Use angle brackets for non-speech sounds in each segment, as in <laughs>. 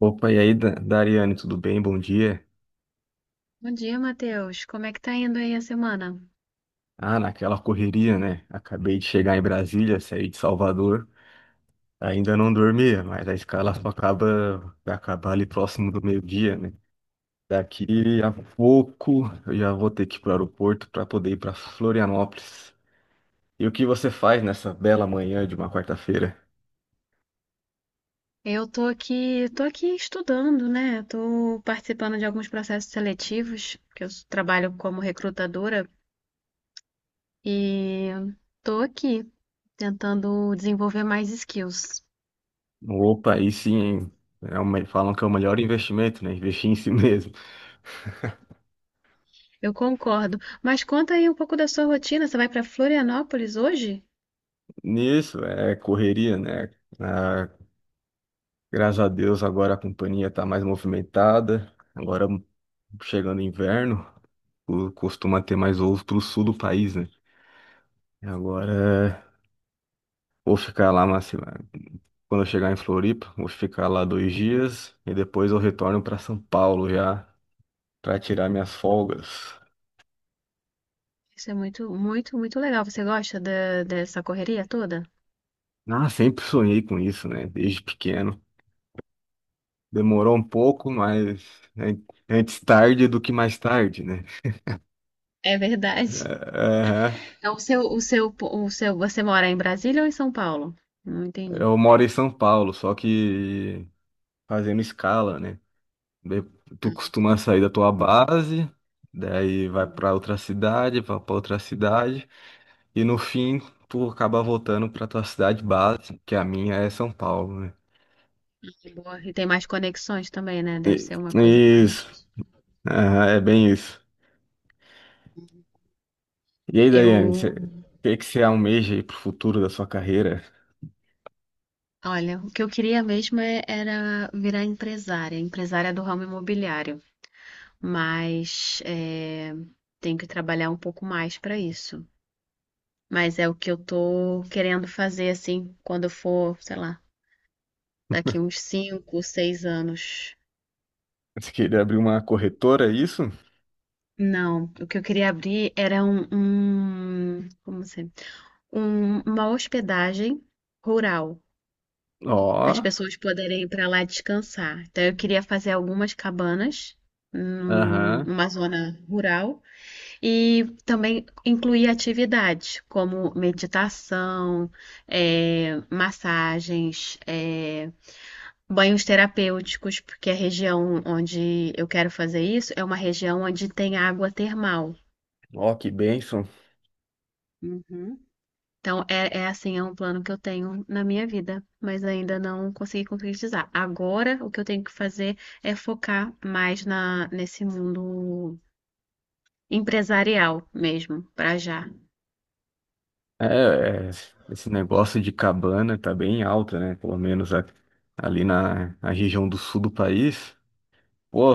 Opa, e aí, Dariane, tudo bem? Bom dia. Bom dia, Matheus. Como é que tá indo aí a semana? Ah, naquela correria, né? Acabei de chegar em Brasília, saí de Salvador. Ainda não dormia, mas a escala só acaba, vai acabar ali próximo do meio-dia, né? Daqui a pouco eu já vou ter que ir para o aeroporto para poder ir para Florianópolis. E o que você faz nessa bela manhã de uma quarta-feira? Eu Tô aqui estudando, né? Tô participando de alguns processos seletivos, que trabalho como recrutadora e tô aqui tentando desenvolver mais skills. Opa, aí sim, hein? É o falam que é o melhor investimento, né? Investir em si <laughs> mesmo. Eu concordo. Mas conta aí um pouco da sua rotina. Você vai pra Florianópolis hoje? Nisso, é correria, né? Ah, graças a Deus, agora a companhia está mais movimentada. Agora, chegando inverno, costuma ter mais voos para o sul do país, né? E agora, vou ficar lá, mas sei lá, quando eu chegar em Floripa, vou ficar lá dois dias e depois eu retorno para São Paulo já para tirar minhas folgas. Isso é muito, muito, muito legal. Você gosta dessa correria toda? Ah, sempre sonhei com isso, né? Desde pequeno. Demorou um pouco, mas é, antes tarde do que mais tarde, né? É verdade. É, Então, você mora em Brasília ou em São Paulo? Não entendi. eu moro em São Paulo, só que fazendo escala, né? De- Tu costuma sair da tua base, daí vai pra outra cidade, vai pra outra cidade, e no fim tu acaba voltando pra tua cidade base, que a minha é São Paulo, né? Que boa. E tem mais conexões também, né? Deve E- ser uma coisa isso. mais. Aham, é bem isso. E aí, Daiane, Eu, o que que você almeja aí pro futuro da sua carreira? olha, o que eu queria mesmo era virar empresária, empresária do ramo imobiliário, mas é, tenho que trabalhar um pouco mais para isso. Mas é o que eu tô querendo fazer assim, quando eu for, sei lá, daqui uns 5, 6 anos. Você queria abrir uma corretora, é isso? Não, o que eu queria abrir era como assim, uma hospedagem rural, para Ó, as pessoas poderem ir para lá descansar. Então eu queria fazer algumas cabanas aham, numa zona rural e também incluir atividades como meditação, massagens, banhos terapêuticos, porque a região onde eu quero fazer isso é uma região onde tem água termal. ó, que bênção. Uhum. Então, é, é assim, é um plano que eu tenho na minha vida, mas ainda não consegui concretizar. Agora, o que eu tenho que fazer é focar mais nesse mundo empresarial mesmo, pra já. É, é, esse negócio de cabana tá bem alto, né? Pelo menos ali na região do sul do país. Pô,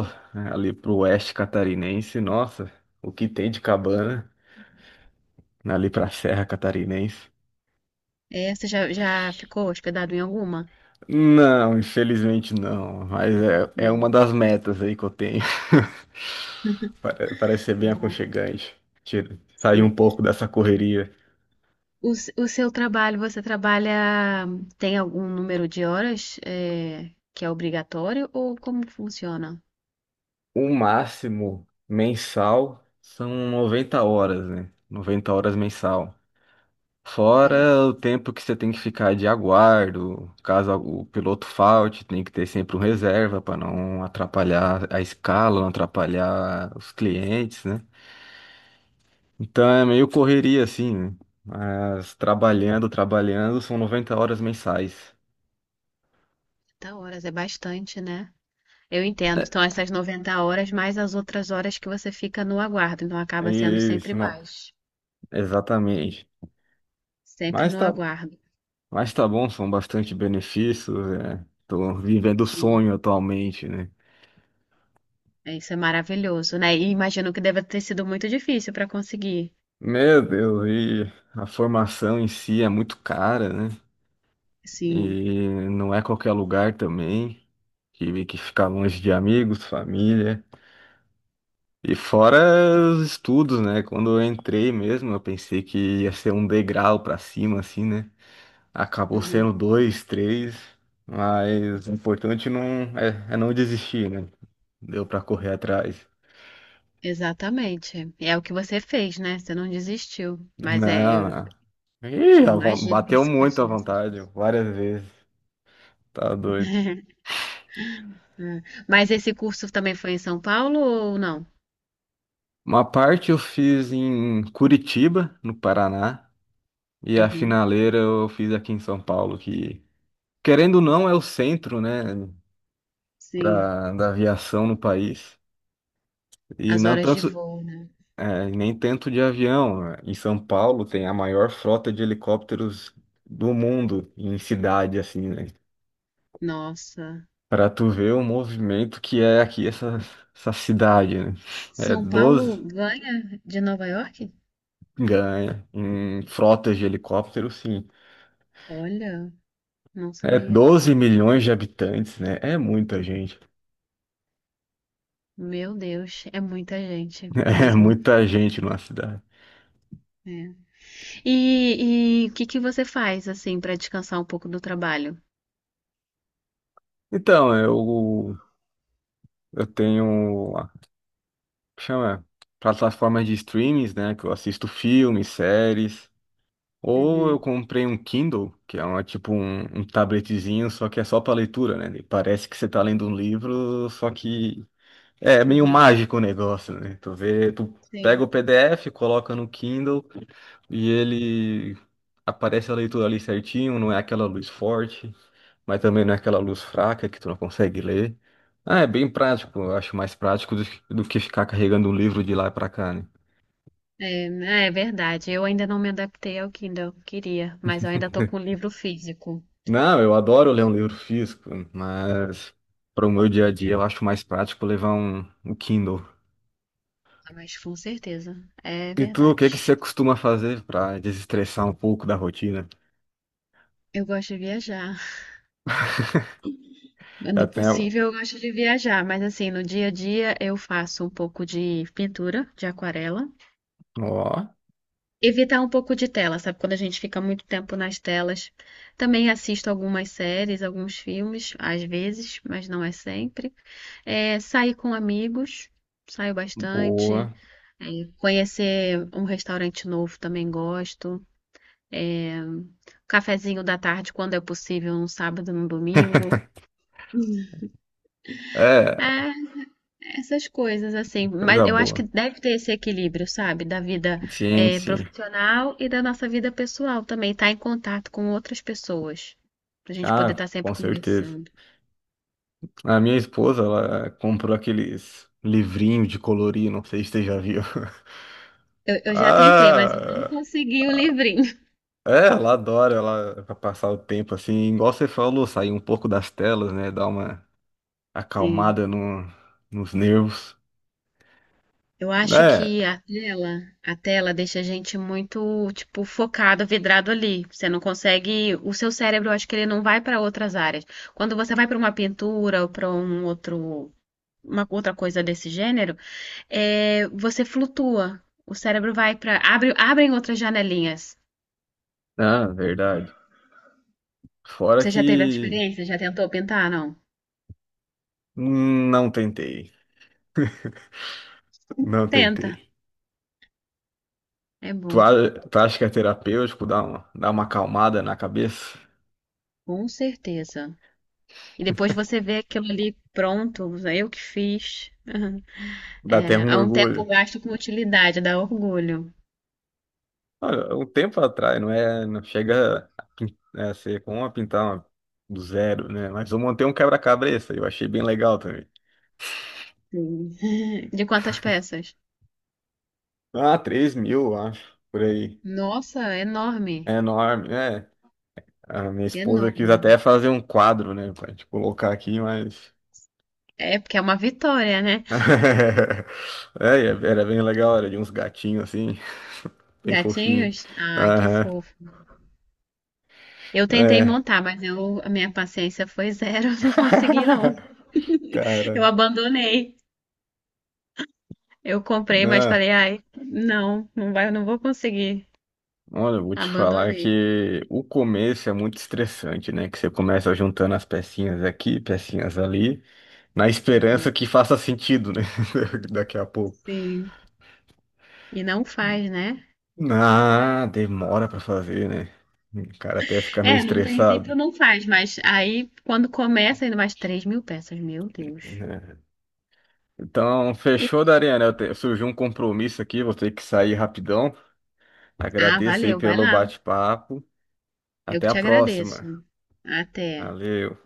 ali pro oeste catarinense, nossa, o que tem de cabana ali pra Serra Catarinense? É, você já ficou hospedado em alguma? Não, infelizmente não, mas é, é uma das Não. metas aí que eu tenho. <laughs> Parece ser bem Boa, aconchegante. Sair um sim. pouco dessa correria. O seu trabalho, você trabalha, tem algum número de horas, é, que é obrigatório ou como funciona? O máximo mensal são 90 horas, né? 90 horas mensal. Fora Ok. o tempo que você tem que ficar de aguardo, caso o piloto falte, tem que ter sempre um reserva para não atrapalhar a escala, não atrapalhar os clientes, né? Então é meio correria assim, né? Mas trabalhando, trabalhando, são 90 horas mensais. 30 horas é bastante, né? Eu entendo. Então, essas 90 horas mais as outras horas que você fica no aguardo. Então, É acaba sendo sempre isso, não. mais. Exatamente. Sempre Mas no tá aguardo. Mas tá bom, são bastante benefícios, é. Tô vivendo o Sim. sonho atualmente, né? É, isso é maravilhoso, né? E imagino que deve ter sido muito difícil para conseguir. Meu Deus, e a formação em si é muito cara, né? Sim. E não é qualquer lugar também. Tive que ficar longe de amigos, família. E fora os estudos, né? Quando eu entrei mesmo, eu pensei que ia ser um degrau pra cima, assim, né? Acabou Uhum. sendo dois, três. Mas o importante não é, é não desistir, né? Deu pra correr atrás. Exatamente. É o que você fez, né? Você não desistiu. Mas é, Não, não. Ih, eu a imagino que bateu esse muito curso à desse. vontade, várias vezes. Tá doido. Ah, mas esse curso também foi em São Paulo ou não? Uma parte eu fiz em Curitiba, no Paraná, e a Uhum. finaleira eu fiz aqui em São Paulo, que, querendo ou não, é o centro, né, Sim. Da aviação no país. E As não horas de tanto, voo, né? é, nem tanto de avião. Em São Paulo tem a maior frota de helicópteros do mundo, em cidade, assim, né? Nossa. Pra tu ver o movimento que é aqui essa, essa cidade, né? É São Paulo 12 ganha de Nova York? ganha, em frotas de helicóptero, sim. Olha, não É sabia. 12 milhões de habitantes, né? É muita gente. <laughs> Meu Deus, é muita gente É mesmo. muita gente numa cidade. É. E o que que você faz assim para descansar um pouco do trabalho? Então, eu tenho, chama, plataformas de streamings, né? Que eu assisto filmes, séries. Ou eu Uhum, comprei um Kindle, que é uma, tipo um, um tabletezinho, só que é só para leitura, né? Parece que você tá lendo um livro, só que é meio uhum, mágico o negócio, né? Tu vê, tu pega sim. o PDF, coloca no Kindle e ele aparece a leitura ali certinho, não é aquela luz forte, mas também não é aquela luz fraca que tu não consegue ler. Ah, é bem prático, eu acho mais prático do que ficar carregando um livro de lá pra cá, né? É, né, é verdade. Eu ainda não me adaptei ao Kindle, queria, mas eu ainda tô com o livro físico. Não, eu adoro ler um livro físico, mas para o meu dia a dia eu acho mais prático levar um, um Kindle. Ah, mas com certeza, é E tu, o que que você verdade. costuma fazer para desestressar um pouco da rotina? Eu gosto de viajar. Eu Quando tenho, possível, eu gosto de viajar, mas assim, no dia a dia eu faço um pouco de pintura, de aquarela. ó, Evitar um pouco de tela, sabe? Quando a gente fica muito tempo nas telas. Também assisto algumas séries, alguns filmes, às vezes, mas não é sempre. É, sair com amigos, saio bastante. boa. É, conhecer um restaurante novo também gosto. É, um cafezinho da tarde, quando é possível, num sábado, num domingo. <laughs> É, É, essas coisas, assim, mas coisa eu acho que boa. deve ter esse equilíbrio, sabe? Da vida, Sim, sim. profissional e da nossa vida pessoal também, estar em contato com outras pessoas, pra gente poder estar Ah, sempre com certeza. conversando. A minha esposa, ela comprou aqueles livrinhos de colorir, não sei se você já viu. <laughs> Eu já tentei, mas eu não Ah, consegui o livrinho. é, ela adora, ela pra passar o tempo assim, igual você falou, sair um pouco das telas, né? Dar uma <laughs> Sim. acalmada no, nos nervos. Eu acho É, que a tela deixa a gente muito, tipo, focado, vidrado ali. Você não consegue, o seu cérebro, eu acho que ele não vai para outras áreas. Quando você vai para uma pintura ou para um outro, uma outra coisa desse gênero, é, você flutua. O cérebro vai para. Abre, abrem outras janelinhas. ah, verdade. Fora Você já teve essa que experiência? Já tentou pintar? Não? Não tentei, não Tenta. tentei. É Tu, bom. Tu acha que é terapêutico dar uma acalmada na cabeça? Com certeza. E depois você vê aquilo ali pronto, eu que fiz. Dá até É, um há um tempo orgulho. gasto com utilidade, dá orgulho. Olha, um tempo atrás, não é, não chega a, pin- né, a ser como a pintar uma- do zero, né? Mas eu montei um quebra-cabeça, eu achei bem legal também. Sim. <laughs> De quantas peças? Ah, 3 mil, eu acho, por aí. Nossa, É enorme. enorme, é. A minha esposa quis Enorme. até fazer um quadro, né, pra gente colocar aqui, mas... É porque é uma vitória, né? <laughs> É, e é, era bem legal, era de uns gatinhos assim, <laughs> bem fofinho. Gatinhos? Ai, que Aham, fofo. Eu tentei é. montar, mas a minha paciência foi zero, <laughs> eu não consegui não. <laughs> Eu Cara, abandonei. Eu comprei, mas né? falei, ai, não, não vai, eu não vou conseguir. Olha, eu vou te falar Abandonei. que o começo é muito estressante, né? Que você começa juntando as pecinhas aqui, pecinhas ali, na Uhum. esperança que faça sentido, né? <laughs> Daqui a pouco. Sim. E não faz, né? Ah, demora pra fazer, né? O cara até fica meio É, no estressado. princípio não faz, mas aí quando começa ainda mais 3 mil peças, meu Deus. Né? Então, E- fechou, Dariana. Surgiu um compromisso aqui, vou ter que sair rapidão. Ah, Agradeço aí valeu, vai pelo lá. bate-papo. Eu que Até a te agradeço. próxima. Até. Valeu.